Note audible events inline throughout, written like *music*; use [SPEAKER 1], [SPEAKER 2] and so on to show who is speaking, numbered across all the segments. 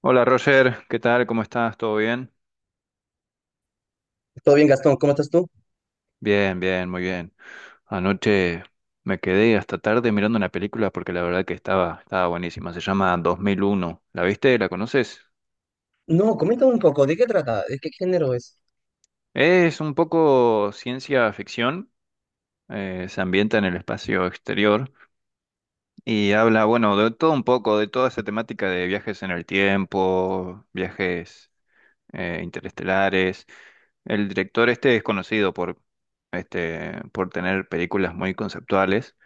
[SPEAKER 1] Hola Roger, ¿qué tal? ¿Cómo estás? ¿Todo bien?
[SPEAKER 2] Todo bien, Gastón, ¿cómo estás tú?
[SPEAKER 1] Bien, bien, muy bien. Anoche me quedé hasta tarde mirando una película porque la verdad que estaba buenísima. Se llama 2001. ¿La viste? ¿La conoces?
[SPEAKER 2] No, comenta un poco, ¿de qué trata? ¿De qué género es?
[SPEAKER 1] Es un poco ciencia ficción. Se ambienta en el espacio exterior y habla, bueno, de todo un poco, de toda esa temática de viajes en el tiempo, viajes interestelares. El director este es conocido por por tener películas muy conceptuales.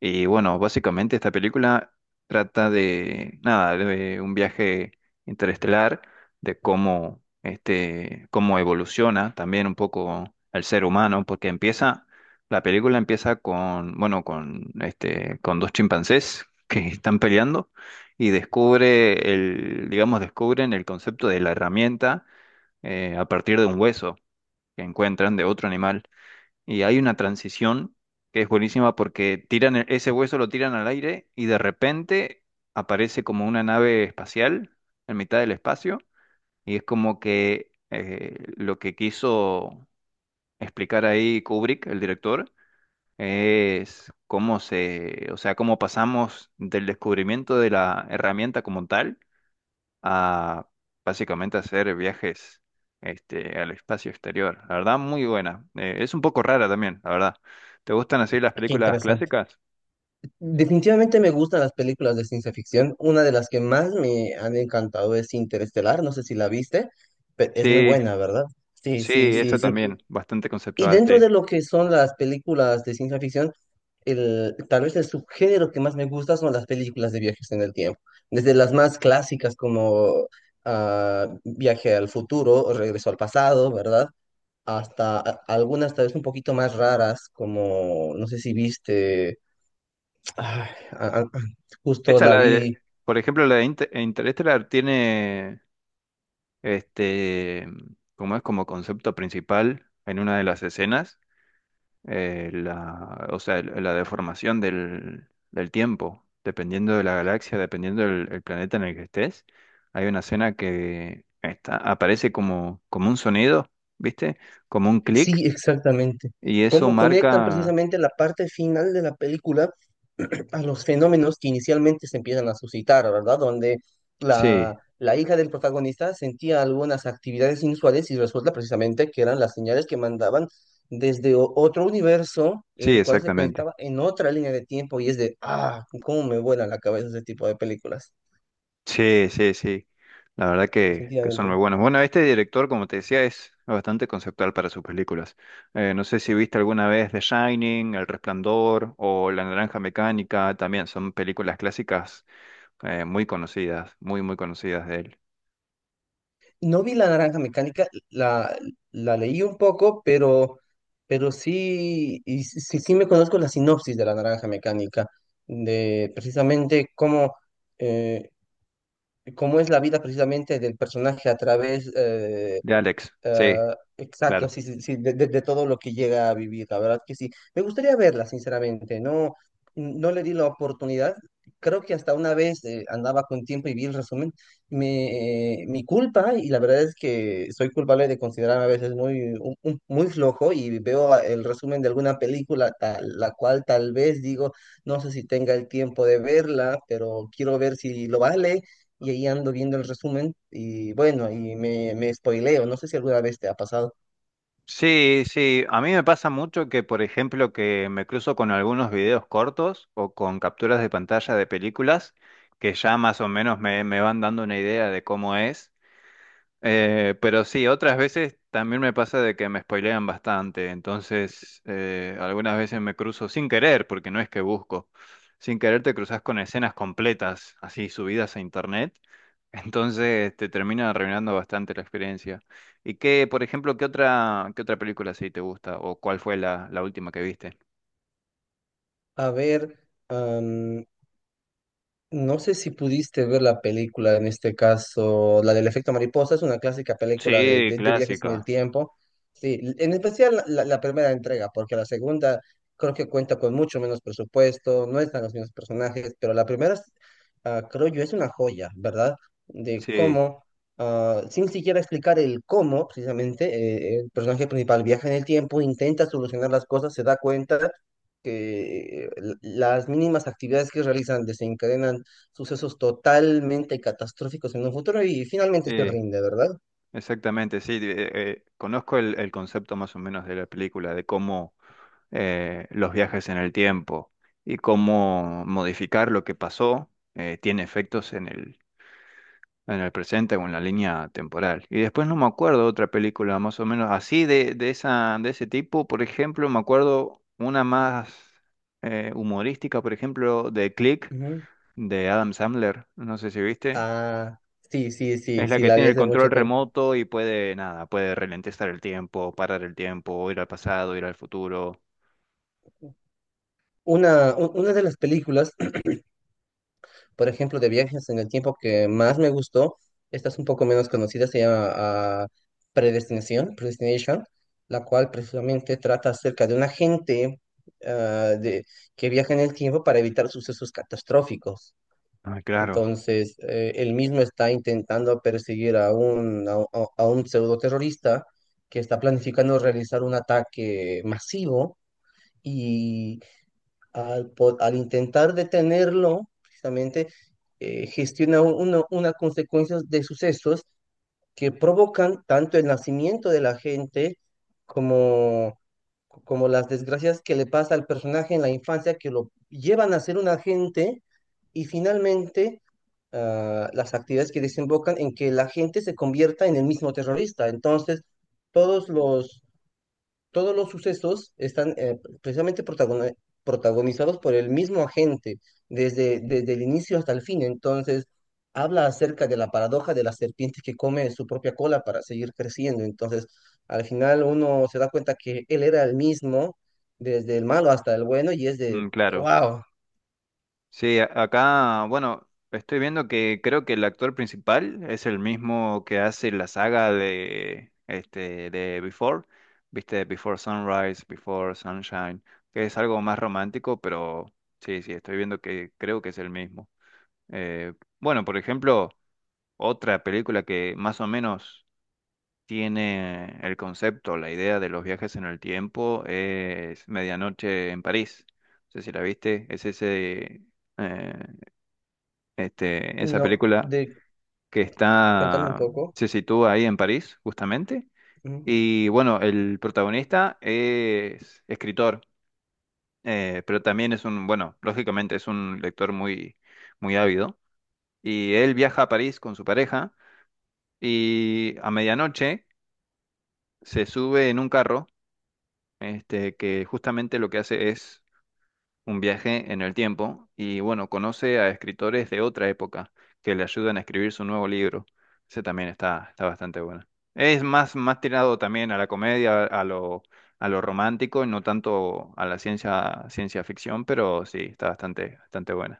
[SPEAKER 1] Y bueno, básicamente esta película trata de, nada, de un viaje interestelar, de cómo cómo evoluciona también un poco el ser humano, porque la película empieza con, bueno, con con dos chimpancés *laughs* que están peleando y descubren el concepto de la herramienta a partir de un hueso que encuentran de otro animal. Y hay una transición que es buenísima porque ese hueso lo tiran al aire y de repente aparece como una nave espacial en mitad del espacio y es como que lo que quiso explicar ahí Kubrick, el director, es cómo se, o sea, cómo pasamos del descubrimiento de la herramienta como tal a básicamente hacer viajes al espacio exterior. La verdad, muy buena. Es un poco rara también, la verdad. ¿Te gustan así las
[SPEAKER 2] Qué
[SPEAKER 1] películas
[SPEAKER 2] interesante.
[SPEAKER 1] clásicas?
[SPEAKER 2] Definitivamente me gustan las películas de ciencia ficción. Una de las que más me han encantado es Interestelar, no sé si la viste, pero es muy
[SPEAKER 1] Sí,
[SPEAKER 2] buena, ¿verdad? Sí,
[SPEAKER 1] sí,
[SPEAKER 2] sí, sí,
[SPEAKER 1] esa
[SPEAKER 2] sí.
[SPEAKER 1] también, bastante
[SPEAKER 2] Y
[SPEAKER 1] conceptual,
[SPEAKER 2] dentro de
[SPEAKER 1] sí.
[SPEAKER 2] lo que son las películas de ciencia ficción, tal vez el subgénero que más me gusta son las películas de viajes en el tiempo. Desde las más clásicas como ah, Viaje al futuro, o Regreso al pasado, ¿verdad? Hasta algunas tal vez un poquito más raras, como no sé si viste, ay, a- a- justo
[SPEAKER 1] Esa
[SPEAKER 2] la
[SPEAKER 1] la
[SPEAKER 2] vi,
[SPEAKER 1] de, por ejemplo, la de Interstellar tiene, este, como es como concepto principal en una de las escenas. La, o sea, la deformación del tiempo, dependiendo de la galaxia, dependiendo del el planeta en el que estés. Hay una escena que está, aparece como, como un sonido, ¿viste? Como un clic,
[SPEAKER 2] sí, exactamente,
[SPEAKER 1] y eso
[SPEAKER 2] cómo conectan
[SPEAKER 1] marca...
[SPEAKER 2] precisamente la parte final de la película a los fenómenos que inicialmente se empiezan a suscitar, ¿verdad? Donde
[SPEAKER 1] Sí,
[SPEAKER 2] la hija del protagonista sentía algunas actividades inusuales y resulta precisamente que eran las señales que mandaban desde otro universo,
[SPEAKER 1] sí,
[SPEAKER 2] el cual se
[SPEAKER 1] exactamente.
[SPEAKER 2] conectaba en otra línea de tiempo y es de, ah, cómo me vuela la cabeza ese tipo de películas,
[SPEAKER 1] Sí, sí, sí. La verdad que son muy
[SPEAKER 2] definitivamente.
[SPEAKER 1] buenos. Bueno, este director, como te decía, es bastante conceptual para sus películas. No sé si viste alguna vez The Shining, El Resplandor o La Naranja Mecánica. También son películas clásicas muy conocidas, muy conocidas de él.
[SPEAKER 2] No vi la naranja mecánica, la leí un poco, pero sí, y sí, sí me conozco la sinopsis de la naranja mecánica, de precisamente cómo, eh, cómo es la vida precisamente del personaje a través,
[SPEAKER 1] De Alex, sí,
[SPEAKER 2] ah, exacto,
[SPEAKER 1] claro.
[SPEAKER 2] sí, sí, sí, de, de todo lo que llega a vivir, la verdad que sí. Me gustaría verla, sinceramente, no, no le di la oportunidad. Creo que hasta una vez andaba con tiempo y vi el resumen. Me, mi culpa, y la verdad es que soy culpable de considerarme a veces muy, muy flojo y veo el resumen de alguna película, tal, la cual tal vez digo, no sé si tenga el tiempo de verla, pero quiero ver si lo vale y ahí ando viendo el resumen y bueno, ahí me, me spoileo. No sé si alguna vez te ha pasado.
[SPEAKER 1] Sí, sí. A mí me pasa mucho que, por ejemplo, que me cruzo con algunos videos cortos o con capturas de pantalla de películas que ya más o menos me van dando una idea de cómo es. Pero sí, otras veces también me pasa de que me spoilean bastante, entonces algunas veces me cruzo sin querer, porque no es que busco, sin querer te cruzas con escenas completas, así subidas a internet, *laughs* entonces te termina arruinando bastante la experiencia. ¿Y qué, por ejemplo, qué otra película sí te gusta o cuál fue la última que viste? Mm,
[SPEAKER 2] A ver, no sé si pudiste ver la película, en este caso, la del efecto mariposa, es una clásica película de,
[SPEAKER 1] sí,
[SPEAKER 2] de viajes en el
[SPEAKER 1] clásica.
[SPEAKER 2] tiempo. Sí, en especial la primera entrega, porque la segunda creo que cuenta con mucho menos presupuesto, no están los mismos personajes, pero la primera, ah, creo yo, es una joya, ¿verdad? De
[SPEAKER 1] Sí,
[SPEAKER 2] cómo, ah, sin siquiera explicar el cómo, precisamente, el personaje principal viaja en el tiempo, intenta solucionar las cosas, se da cuenta que las mínimas actividades que realizan desencadenan sucesos totalmente catastróficos en un futuro y finalmente se
[SPEAKER 1] sí,
[SPEAKER 2] rinde, ¿verdad?
[SPEAKER 1] exactamente, sí. Conozco el concepto más o menos de la película, de cómo los viajes en el tiempo y cómo modificar lo que pasó tiene efectos en en el presente o en la línea temporal. Y después no me acuerdo otra película más o menos así de esa, de ese tipo. Por ejemplo, me acuerdo una más humorística, por ejemplo, de Click,
[SPEAKER 2] Ujú.
[SPEAKER 1] de Adam Sandler. No sé si viste.
[SPEAKER 2] Ah, sí, sí, sí,
[SPEAKER 1] Es la
[SPEAKER 2] sí,
[SPEAKER 1] que
[SPEAKER 2] la vi
[SPEAKER 1] tiene el
[SPEAKER 2] hace mucho
[SPEAKER 1] control
[SPEAKER 2] tiempo.
[SPEAKER 1] remoto y puede, nada, puede ralentizar el tiempo, parar el tiempo, ir al pasado, ir al futuro.
[SPEAKER 2] Una, una de las películas, *clears throat* por ejemplo, de viajes en el tiempo que más me gustó, esta es un poco menos conocida, se llama ah, Predestinación, Predestination, la cual precisamente trata acerca de un agente ah, de, que viaja en el tiempo para evitar sucesos catastróficos.
[SPEAKER 1] Ah, claro.
[SPEAKER 2] Entonces, él mismo está intentando perseguir a un, a un pseudo terrorista que está planificando realizar un ataque masivo y al, al intentar detenerlo, precisamente, gestiona una consecuencia de sucesos que provocan tanto el nacimiento de la gente como, como las desgracias que le pasa al personaje en la infancia, que lo llevan a ser un agente y finalmente ah, las actividades que desembocan en que la gente se convierta en el mismo terrorista. Entonces, todos los todos los sucesos están precisamente protagonizados por el mismo agente desde, desde el inicio hasta el fin. Entonces, habla acerca de la paradoja de la serpiente que come su propia cola para seguir creciendo. Entonces, al final uno se da cuenta que él era el mismo, desde el malo hasta el bueno, y es de,
[SPEAKER 1] Mm, claro.
[SPEAKER 2] wow,
[SPEAKER 1] Sí, acá, bueno, estoy viendo que creo que el actor principal es el mismo que hace la saga de este de Before, ¿viste? Before Sunrise, Before Sunshine, que es algo más romántico, pero sí, sí, estoy viendo que creo que es el mismo. Eh, bueno, por ejemplo, otra película que más o menos tiene el concepto, la idea de los viajes en el tiempo es Medianoche en París. No sé si la viste, es ese eh, este, esa
[SPEAKER 2] no,
[SPEAKER 1] película
[SPEAKER 2] de,
[SPEAKER 1] que
[SPEAKER 2] cuéntame un
[SPEAKER 1] está,
[SPEAKER 2] poco.
[SPEAKER 1] se sitúa ahí en París, justamente.
[SPEAKER 2] Ujú.
[SPEAKER 1] Y bueno, el protagonista es escritor, pero también es un, bueno, lógicamente es un lector muy ávido. Y él viaja a París con su pareja y a medianoche se sube en un carro, que justamente lo que hace es un viaje en el tiempo y bueno, conoce a escritores de otra época que le ayudan a escribir su nuevo libro. Ese también está bastante bueno. Más tirado también a la comedia, a lo romántico y no tanto a la ciencia, ciencia ficción, pero sí, está bastante buena.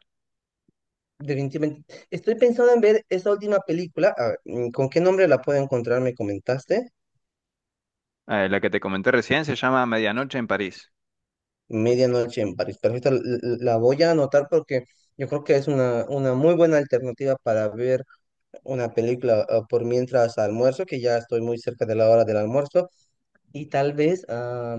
[SPEAKER 2] Definitivamente. Estoy pensando en ver esa última película. A ver, ¿con qué nombre la puedo encontrar? ¿Me comentaste?
[SPEAKER 1] La que te comenté recién se llama Medianoche en París.
[SPEAKER 2] Medianoche en París. Perfecto, la voy a anotar porque yo creo que es una muy buena alternativa para ver una película ah, por mientras almuerzo, que ya estoy muy cerca de la hora del almuerzo. Y tal vez, ah,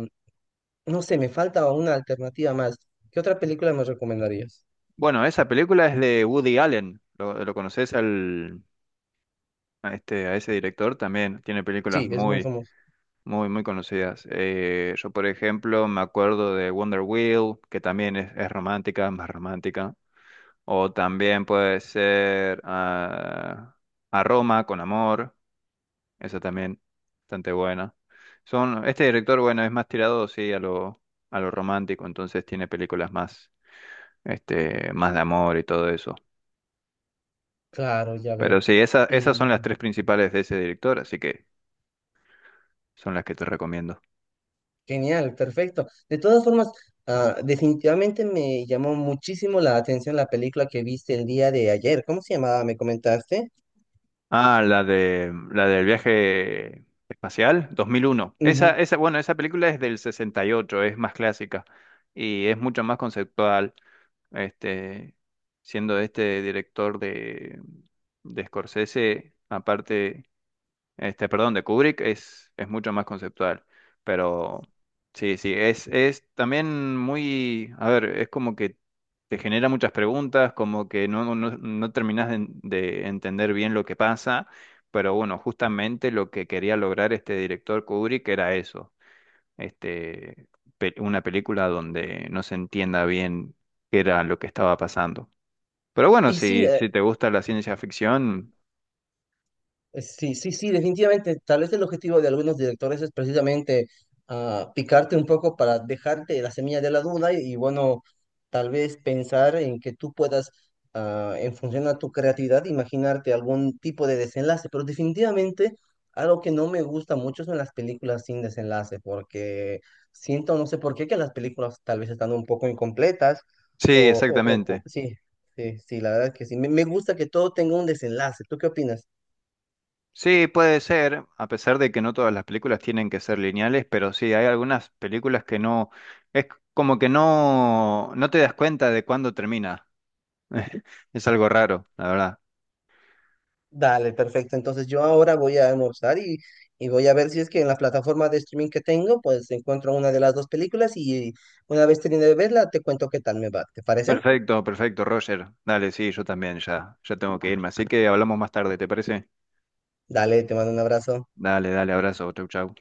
[SPEAKER 2] no sé, me falta una alternativa más. ¿Qué otra película me recomendarías?
[SPEAKER 1] Bueno, esa película es de Woody Allen. Lo conoces al, a ese director? También tiene
[SPEAKER 2] Sí,
[SPEAKER 1] películas
[SPEAKER 2] es muy
[SPEAKER 1] muy
[SPEAKER 2] famoso.
[SPEAKER 1] muy, muy conocidas. Yo, por ejemplo, me acuerdo de Wonder Wheel, que también es romántica, más romántica. O también puede ser A Roma con amor. Esa también, bastante buena. Son, este director, bueno, es más tirado, sí, a lo romántico, entonces tiene películas más, más de amor y todo eso.
[SPEAKER 2] Claro, ya veo.
[SPEAKER 1] Pero sí, esas
[SPEAKER 2] Y
[SPEAKER 1] son las tres principales de ese director, así que son las que te recomiendo.
[SPEAKER 2] genial, perfecto. De todas formas, ah, definitivamente me llamó muchísimo la atención la película que viste el día de ayer. ¿Cómo se llamaba? ¿Me comentaste?
[SPEAKER 1] Ah, la de la del viaje espacial, 2001. Esa,
[SPEAKER 2] Ujú.
[SPEAKER 1] esa, bueno, esa película es del 68, es más clásica y es mucho más conceptual, este, siendo este director de Scorsese, aparte perdón, de Kubrick es mucho más conceptual, pero sí, sí, es también muy, a ver, es como que te genera muchas preguntas, como que no terminás de entender bien lo que pasa, pero bueno, justamente lo que quería lograr este director Kubrick era eso, este, una película donde no se entienda bien qué era lo que estaba pasando. Pero bueno,
[SPEAKER 2] Y sí,
[SPEAKER 1] si te gusta la ciencia ficción,
[SPEAKER 2] Sí, sí, sí, definitivamente. Tal vez el objetivo de algunos directores es precisamente ah, picarte un poco para dejarte la semilla de la duda y, bueno, tal vez pensar en que tú puedas, ah, en función a tu creatividad, imaginarte algún tipo de desenlace. Pero definitivamente algo que no me gusta mucho son las películas sin desenlace, porque siento, no sé por qué, que las películas tal vez están un poco incompletas
[SPEAKER 1] sí,
[SPEAKER 2] o,
[SPEAKER 1] exactamente.
[SPEAKER 2] sí, sí, sí, la verdad que sí. Me gusta que todo tenga un desenlace. ¿Tú qué opinas?
[SPEAKER 1] Sí, puede ser, a pesar de que no todas las películas tienen que ser lineales, pero sí, hay algunas películas que no, es como que no te das cuenta de cuándo termina. *laughs* Es algo raro, la verdad.
[SPEAKER 2] Dale, perfecto. Entonces yo ahora voy a almorzar y voy a ver si es que en la plataforma de streaming que tengo, pues encuentro una de las dos películas y una vez termine de verla, te cuento qué tal me va. ¿Te parece?
[SPEAKER 1] Perfecto, perfecto, Roger. Dale, sí, yo también ya tengo que irme, así que hablamos más tarde, ¿te parece?
[SPEAKER 2] Dale, te mando un abrazo.
[SPEAKER 1] Dale, dale, abrazo, chau, chau.